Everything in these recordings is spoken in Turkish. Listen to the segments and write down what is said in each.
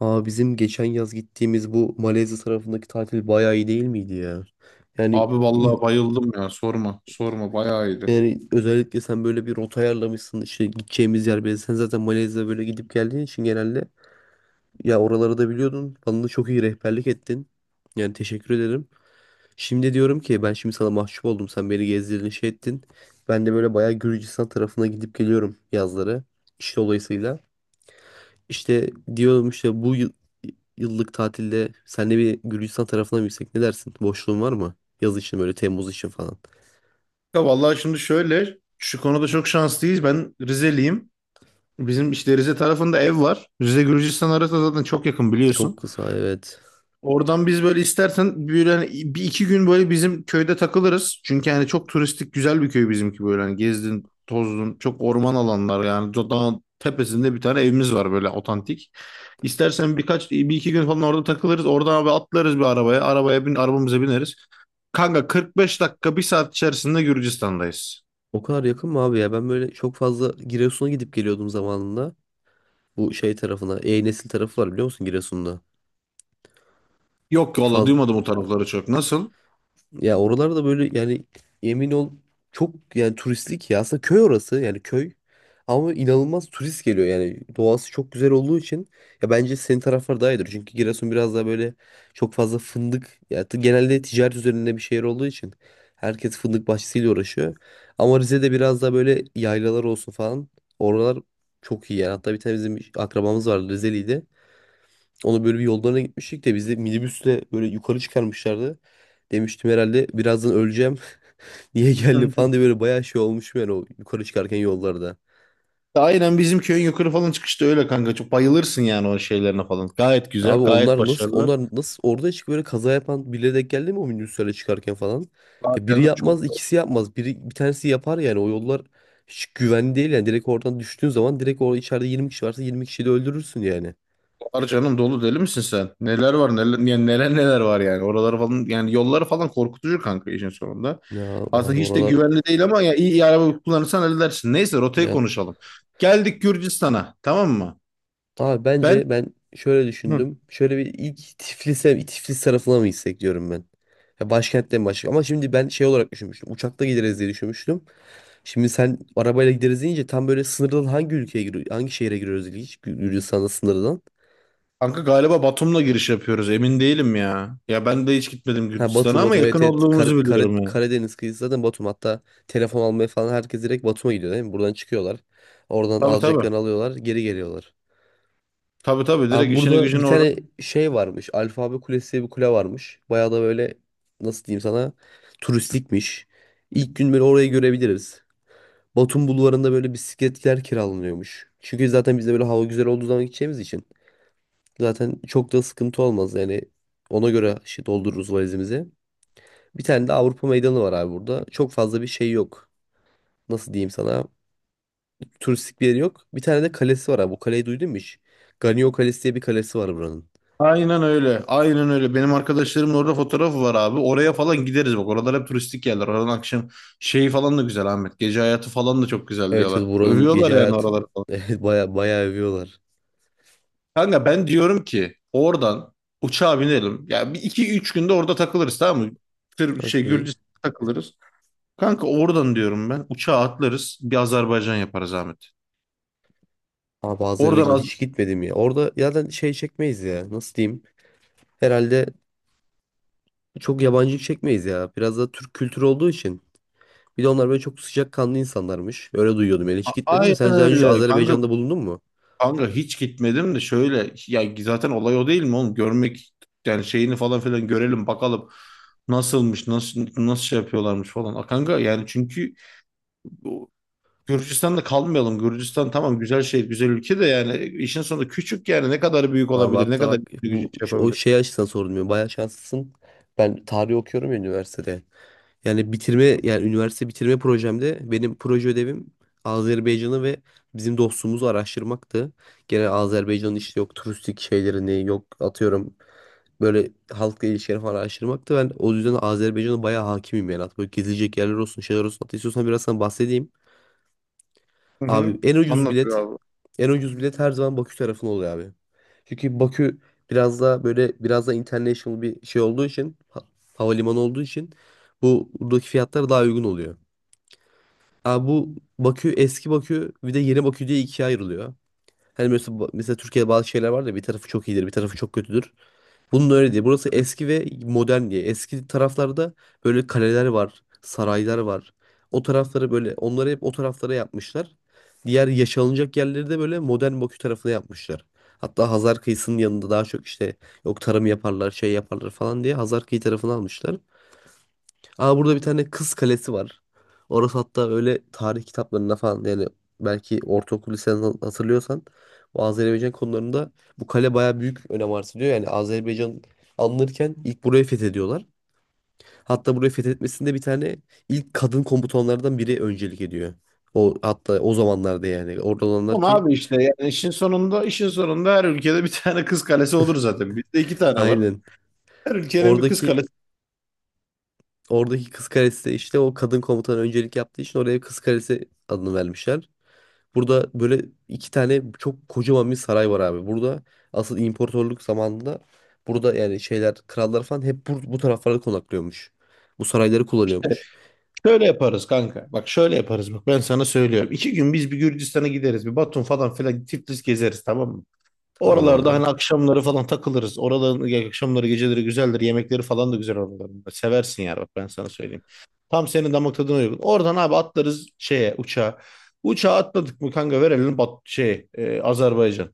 Aa bizim geçen yaz gittiğimiz bu Malezya tarafındaki tatil bayağı iyi değil miydi ya? Yani Abi vallahi bayıldım ya, sorma sorma, bayağı iyiydi. yani özellikle sen böyle bir rota ayarlamışsın, işte gideceğimiz yer belli. Sen zaten Malezya'ya böyle gidip geldiğin için genelde ya oraları da biliyordun. Bana da çok iyi rehberlik ettin. Yani teşekkür ederim. Şimdi diyorum ki ben şimdi sana mahcup oldum. Sen beni gezdirdin, şey ettin. Ben de böyle bayağı Gürcistan tarafına gidip geliyorum yazları. İş dolayısıyla. İşte diyorum, işte yıllık tatilde senle bir Gürcistan tarafına mı gitsek, ne dersin? Boşluğun var mı? Yaz için, böyle Temmuz için falan. Ya vallahi şimdi şöyle, şu konuda çok şanslıyız. Ben Rizeliyim. Bizim işte Rize tarafında ev var. Rize Gürcistan arası zaten çok yakın Çok biliyorsun. kısa, evet. Oradan biz böyle istersen böyle bir iki gün böyle bizim köyde takılırız. Çünkü yani çok turistik güzel bir köy bizimki, böyle hani gezdin tozdun, çok orman alanlar, yani dağın tepesinde bir tane evimiz var böyle otantik. İstersen birkaç bir iki gün falan orada takılırız. Oradan abi atlarız bir arabaya. Arabaya bin Arabamıza bineriz. Kanka 45 dakika bir saat içerisinde Gürcistan'dayız. O kadar yakın mı abi ya? Ben böyle çok fazla Giresun'a gidip geliyordum zamanında. Bu şey tarafına. E-Nesil tarafı var, biliyor musun Giresun'da? Yok ki valla, duymadım o tarafları çok. Nasıl? Ya oralarda böyle yani yemin ol, çok yani turistik, ya aslında köy orası yani köy, ama inanılmaz turist geliyor yani, doğası çok güzel olduğu için. Ya bence senin taraflar daha iyidir, çünkü Giresun biraz daha böyle çok fazla fındık ya, genelde ticaret üzerinde bir şehir olduğu için herkes fındık bahçesiyle uğraşıyor, ama Rize'de biraz daha böyle yaylalar olsun falan, oralar çok iyi yani. Hatta bir tane bizim akrabamız vardı, Rizeliydi. Onu böyle bir yollarına gitmiştik de bizi minibüsle böyle yukarı çıkarmışlardı. Demiştim herhalde birazdan öleceğim. Niye Hı geldim hı. falan diye böyle bayağı şey olmuşum yani o yukarı çıkarken yollarda. Aynen, bizim köyün yukarı falan çıkışta öyle kanka. Çok bayılırsın yani o şeylerine falan. Gayet güzel, Abi gayet onlar nasıl başarılılar. onlar nasıl orada çık böyle kaza yapan birileri denk geldi mi o minibüslerle çıkarken falan? Aa, Ya biri canım çok... yapmaz, ikisi yapmaz. Bir tanesi yapar yani. O yollar hiç güvenli değil yani, direkt oradan düştüğün zaman direkt orada içeride 20 kişi varsa 20 kişiyi de öldürürsün yani. Var canım, dolu. Deli misin sen? Neler var neler, yani neler neler var yani. Oraları falan, yani yolları falan korkutucu kanka işin sonunda. Ya abi Aslında hiç de oralar güvenli değil ama ya iyi, iyi araba kullanırsan halledersin. Neyse, rotayı ya. konuşalım. Geldik Gürcistan'a, tamam mı? Abi Ben... bence ben şöyle Hı. düşündüm. Şöyle bir ilk Tiflis'e, Tiflis tarafına mı gitsek diyorum ben. Ya başkentten başka? Ama şimdi ben şey olarak düşünmüştüm. Uçakla gideriz diye düşünmüştüm. Şimdi sen arabayla gideriz deyince tam böyle sınırdan hangi ülkeye giriyor, hangi şehre giriyoruz ilginç, Gürcistan'da sınırdan. Kanka galiba Batum'la giriş yapıyoruz, emin değilim ya. Ya ben de hiç gitmedim Ha Batum, Gürcistan'a ama Batum, yakın evet evet. Olduğumuzu biliyorum yani. Karadeniz kıyısı zaten Batum. Hatta telefon almaya falan herkes direkt Batum'a gidiyor değil mi? Buradan çıkıyorlar. Oradan Tabii tabii. alacaklarını alıyorlar, geri geliyorlar. Tabii tabii, direkt Abi işini burada bir gücünü orada... tane şey varmış. Alfabe Kulesi diye bir kule varmış. Bayağı da böyle, nasıl diyeyim sana, turistikmiş. İlk gün böyle orayı görebiliriz. Batum Bulvarı'nda böyle bisikletler kiralanıyormuş. Çünkü zaten biz de böyle hava güzel olduğu zaman gideceğimiz için. Zaten çok da sıkıntı olmaz yani. Ona göre şey doldururuz valizimizi. Bir tane de Avrupa Meydanı var abi burada. Çok fazla bir şey yok. Nasıl diyeyim sana? Turistik bir yeri yok. Bir tane de kalesi var abi. Bu kaleyi duydun mu hiç? Ganyo Kalesi diye bir kalesi var buranın. Aynen öyle. Aynen öyle. Benim arkadaşlarımın orada fotoğrafı var abi. Oraya falan gideriz bak. Oralar hep turistik yerler. Oradan akşam falan da güzel Ahmet. Gece hayatı falan da çok güzel Evet, diyorlar. evet, buranın gece Övüyorlar yani hayatı oraları falan. evet, baya baya övüyorlar. Kanka ben diyorum ki, oradan uçağa binelim. Ya bir iki üç günde orada takılırız, tamam mı? Tır, Okey. Gürcistan takılırız. Kanka oradan diyorum, ben uçağa atlarız. Bir Azerbaycan yaparız Ahmet. Abi Oradan Azerbaycan Az- hiç gitmedim ya. Orada zaten şey çekmeyiz ya. Nasıl diyeyim? Herhalde çok yabancı çekmeyiz ya. Biraz da Türk kültürü olduğu için. Bir de onlar böyle çok sıcakkanlı insanlarmış. Öyle duyuyordum yani, hiç gitmedim de. Aynen Sen daha önce hiç öyle. Kanka Azerbaycan'da bulundun mu? Kanka hiç gitmedim de, şöyle ya, zaten olay o değil mi oğlum? Görmek, yani falan filan görelim bakalım nasılmış, nasıl nasıl şey yapıyorlarmış falan. A Kanka yani çünkü o- Gürcistan'da kalmayalım. Gürcistan tamam, güzel güzel ülke de yani işin sonunda küçük, yani ne kadar büyük Abi olabilir, ne hatta kadar bak büyük şey bu o yapabilir. şey açısından sorulmuyor. Bayağı şanslısın. Ben tarih okuyorum ya üniversitede. Yani bitirme yani üniversite bitirme projemde benim proje ödevim Azerbaycan'ı ve bizim dostumuzu araştırmaktı. Gene Azerbaycan'ın işte yok turistik şeylerini, yok atıyorum böyle halkla ilişkileri falan araştırmaktı. Ben o yüzden Azerbaycan'a bayağı hakimim yani. At böyle gezilecek yerler olsun, şeyler olsun. Hatta istiyorsan biraz sana bahsedeyim. Hı Abi hı. en ucuz Anlatıyor bilet abi. en ucuz bilet her zaman Bakü tarafına oluyor abi. Çünkü Bakü biraz daha böyle, biraz da international bir şey olduğu için, havalimanı olduğu için bu buradaki fiyatlar daha uygun oluyor. Abi bu Bakü, eski Bakü bir de yeni Bakü diye ikiye ayrılıyor. Hani mesela Türkiye'de bazı şeyler var da bir tarafı çok iyidir, bir tarafı çok kötüdür. Bunun öyle değil. Burası eski ve modern diye. Eski taraflarda böyle kaleler var, saraylar var. O tarafları böyle, onları hep o taraflara yapmışlar. Diğer yaşanılacak yerleri de böyle modern Bakü tarafına yapmışlar. Hatta Hazar kıyısının yanında daha çok işte yok tarım yaparlar, şey yaparlar falan diye Hazar kıyı tarafını almışlar. Aa burada bir tane kız kalesi var. Orası hatta öyle tarih kitaplarında falan yani, belki ortaokul liseden hatırlıyorsan, bu Azerbaycan konularında bu kale baya büyük önem arz ediyor. Yani Azerbaycan alınırken ilk burayı fethediyorlar. Hatta burayı fethetmesinde bir tane ilk kadın komutanlardan biri öncelik ediyor. O hatta o zamanlarda yani orada olanlar Ama ki abi işte yani işin sonunda, işin sonunda her ülkede bir tane kız kalesi olur zaten. Bizde iki tane var. aynen Her ülkenin bir kız oradaki kalesi... oradaki kız kalesi de işte o kadın komutan öncelik yaptığı için oraya kız kalesi adını vermişler. Burada böyle iki tane çok kocaman bir saray var abi. Burada asıl imparatorluk zamanında burada yani şeyler krallar falan hep bu taraflarda konaklıyormuş. Bu sarayları kullanıyormuş. Şöyle yaparız kanka. Bak şöyle yaparız. Bak ben sana söylüyorum. İki gün biz bir Gürcistan'a gideriz. Bir Batum falan filan Tiflis gezeriz, tamam mı? Tamam Oralarda abi. hani akşamları falan takılırız. Oraların ya akşamları, geceleri güzeldir. Yemekleri falan da güzel oraların. Seversin yani, bak ben sana söyleyeyim. Tam senin damak tadına uygun. Oradan abi atlarız şeye, uçağa. Uçağa atladık mı kanka, verelim bat Azerbaycan.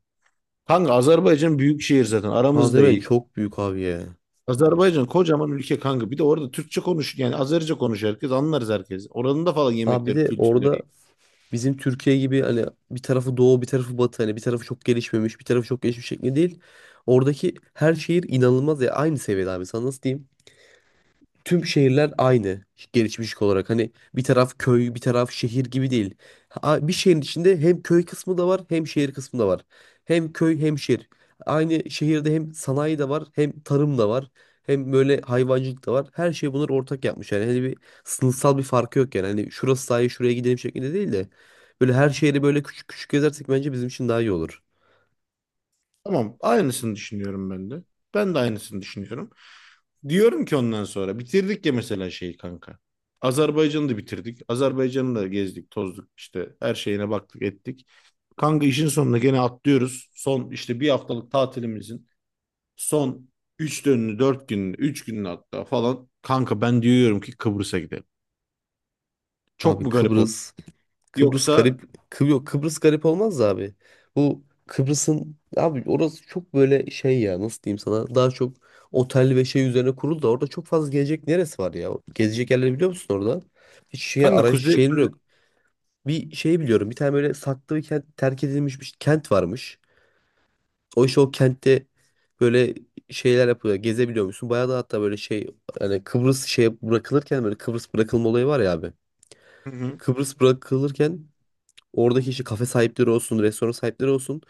Kanka Azerbaycan büyük şehir zaten. Aramız da Azerbaycan iyi. çok büyük abi ya. Azerbaycan kocaman ülke kanka. Bir de orada Türkçe konuş, yani Azerice konuş, herkes anlarız herkes. Oranın da falan Abi bir yemekleri, de orada kültürleri. bizim Türkiye gibi hani bir tarafı doğu bir tarafı batı, hani bir tarafı çok gelişmemiş bir tarafı çok gelişmiş şekli değil. Oradaki her şehir inanılmaz ya aynı seviyede abi, sana nasıl diyeyim? Tüm şehirler aynı gelişmişlik olarak. Hani bir taraf köy, bir taraf şehir gibi değil. Bir şehrin içinde hem köy kısmı da var, hem şehir kısmı da var. Hem köy hem şehir. Aynı şehirde hem sanayi de var, hem tarım da var, hem böyle hayvancılık da var. Her şey bunları ortak yapmış. Yani hani bir sınıfsal bir farkı yok yani. Hani şurası sahil, şuraya gidelim şeklinde değil de, böyle her şehri böyle küçük küçük gezersek bence bizim için daha iyi olur. Tamam, aynısını düşünüyorum ben de. Ben de aynısını düşünüyorum. Diyorum ki, ondan sonra bitirdik ya mesela kanka. Azerbaycan'ı da bitirdik. Azerbaycan'ı da gezdik, tozduk, işte her şeyine baktık, ettik. Kanka işin sonunda gene atlıyoruz. Son işte bir haftalık tatilimizin son 3 dönünü, 4 gününü, 3 gününü hatta falan. Kanka ben diyorum ki Kıbrıs'a gidelim. Çok Abi mu garip? Kıbrıs Yoksa garip, yok Kıbrıs garip olmaz da abi. Bu Kıbrıs'ın abi orası çok böyle şey ya, nasıl diyeyim sana, daha çok otel ve şey üzerine kuruldu da orada çok fazla gezecek neresi var ya? Gezecek yerleri biliyor musun orada? Hiç şey kanka araç kuzey, şeyin kuzey- yok. Bir şey biliyorum, bir tane böyle saklı bir kent, terk edilmiş bir kent varmış. O işte o kentte böyle şeyler yapıyor, gezebiliyor musun? Bayağı da hatta böyle şey, hani Kıbrıs şey bırakılırken, böyle Kıbrıs bırakılma olayı var ya abi. Hı hı. Kıbrıs bırakılırken, oradaki işte kafe sahipleri olsun, restoran sahipleri olsun,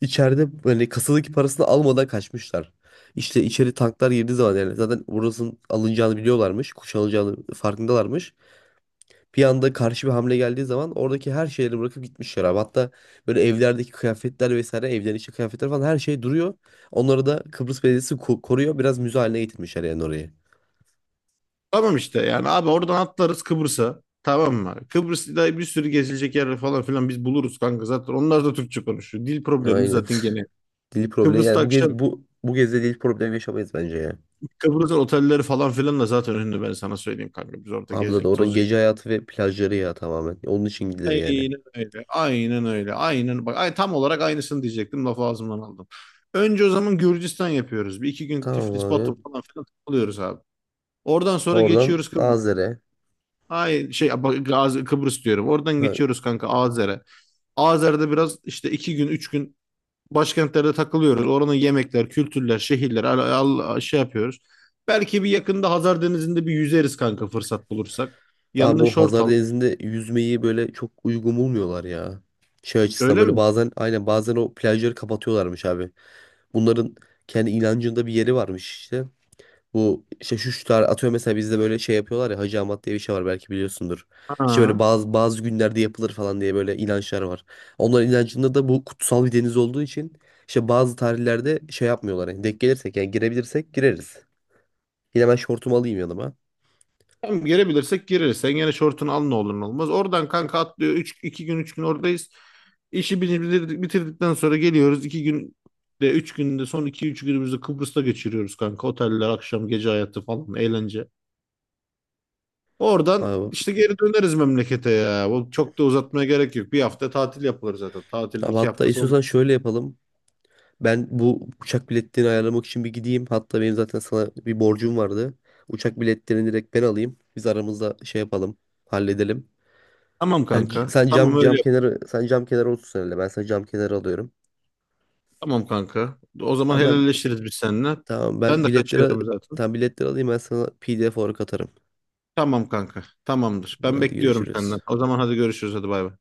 içeride böyle kasadaki parasını almadan kaçmışlar. İşte içeri tanklar girdiği zaman yani, zaten burasının alınacağını biliyorlarmış. Kuşanılacağını farkındalarmış. Bir anda karşı bir hamle geldiği zaman oradaki her şeyleri bırakıp gitmişler abi. Hatta böyle evlerdeki kıyafetler vesaire, evlerin içi kıyafetler falan her şey duruyor. Onları da Kıbrıs Belediyesi koruyor. Biraz müze haline getirmişler yani orayı. Tamam işte yani abi oradan atlarız Kıbrıs'a. Tamam mı? Kıbrıs'ta bir sürü gezilecek yer falan filan biz buluruz kanka. Zaten onlar da Türkçe konuşuyor. Dil problemimiz Aynen. zaten gene. Dil problemi, Kıbrıs'ta yani bu gez akşam... bu bu gezde dil problemi yaşamayız bence ya. Kıbrıs'ın otelleri falan filan da zaten ünlü, ben sana söyleyeyim kanka. Biz orada Abla da gezecek, oranın tozacak. gece hayatı ve plajları ya tamamen. Onun için gidilir yani. Aynen öyle. Aynen öyle. Aynen. Bak, ay, tam olarak aynısını diyecektim. Lafı ağzımdan aldım. Önce o zaman Gürcistan yapıyoruz. Bir iki gün Tamam Tiflis, abi. Batum falan filan takılıyoruz abi. Oradan sonra Oradan geçiyoruz... Nazilli'ye. Ay bak, Gazi, Kıbrıs diyorum. Oradan Ha, geçiyoruz kanka Azer'e. Azer'de biraz işte iki gün üç gün başkentlerde takılıyoruz. Oranın yemekler, kültürler, şehirler şey yapıyoruz. Belki bir yakında Hazar Denizi'nde bir yüzeriz kanka, fırsat bulursak. abi Yanına o şort Hazar al. Denizi'nde yüzmeyi böyle çok uygun bulmuyorlar ya. Şey açısından Öyle böyle mi? bazen, aynen, bazen o plajları kapatıyorlarmış abi. Bunların kendi inancında bir yeri varmış işte. Bu işte şu tar atıyor mesela bizde böyle şey yapıyorlar ya, Hacı Ahmet diye bir şey var, belki biliyorsundur. İşte Ha. böyle bazı günlerde yapılır falan diye böyle inançlar var. Onların inancında da bu kutsal bir deniz olduğu için işte bazı tarihlerde şey yapmıyorlar. Yani denk gelirsek, yani girebilirsek gireriz. Yine ben şortumu alayım yanıma. Hem girebilirsek gireriz. Sen gene şortunu al, ne olur ne olmaz. Oradan kanka atlıyor. 3 2 gün 3 gün oradayız. Bitirdikten sonra geliyoruz. 2 gün de 3 günde, son iki üç günümüzü Kıbrıs'ta geçiriyoruz kanka. Oteller, akşam, gece hayatı falan, eğlence. Oradan Abi, işte geri döneriz memlekete ya. Bu çok da uzatmaya gerek yok. Bir hafta tatil yapılır zaten. Tatil abi iki hatta haftası istiyorsan olmaz. şöyle yapalım. Ben bu uçak biletlerini ayarlamak için bir gideyim. Hatta benim zaten sana bir borcum vardı. Uçak biletlerini direkt ben alayım. Biz aramızda şey yapalım, halledelim. Tamam Sen, c- kanka. sen Tamam cam öyle cam yap. kenarı sen cam kenarı otursun herhalde. Ben sana cam kenarı alıyorum. Tamam kanka. O zaman Tamam ben helalleşiriz biz seninle. tamam Ben ben de biletleri kaçıyorum zaten. tamam, biletleri alayım, ben sana PDF olarak atarım. Tamam kanka. Tamamdır. Tamam, Ben hadi bekliyorum senden. görüşürüz. O zaman hadi görüşürüz. Hadi bay bay.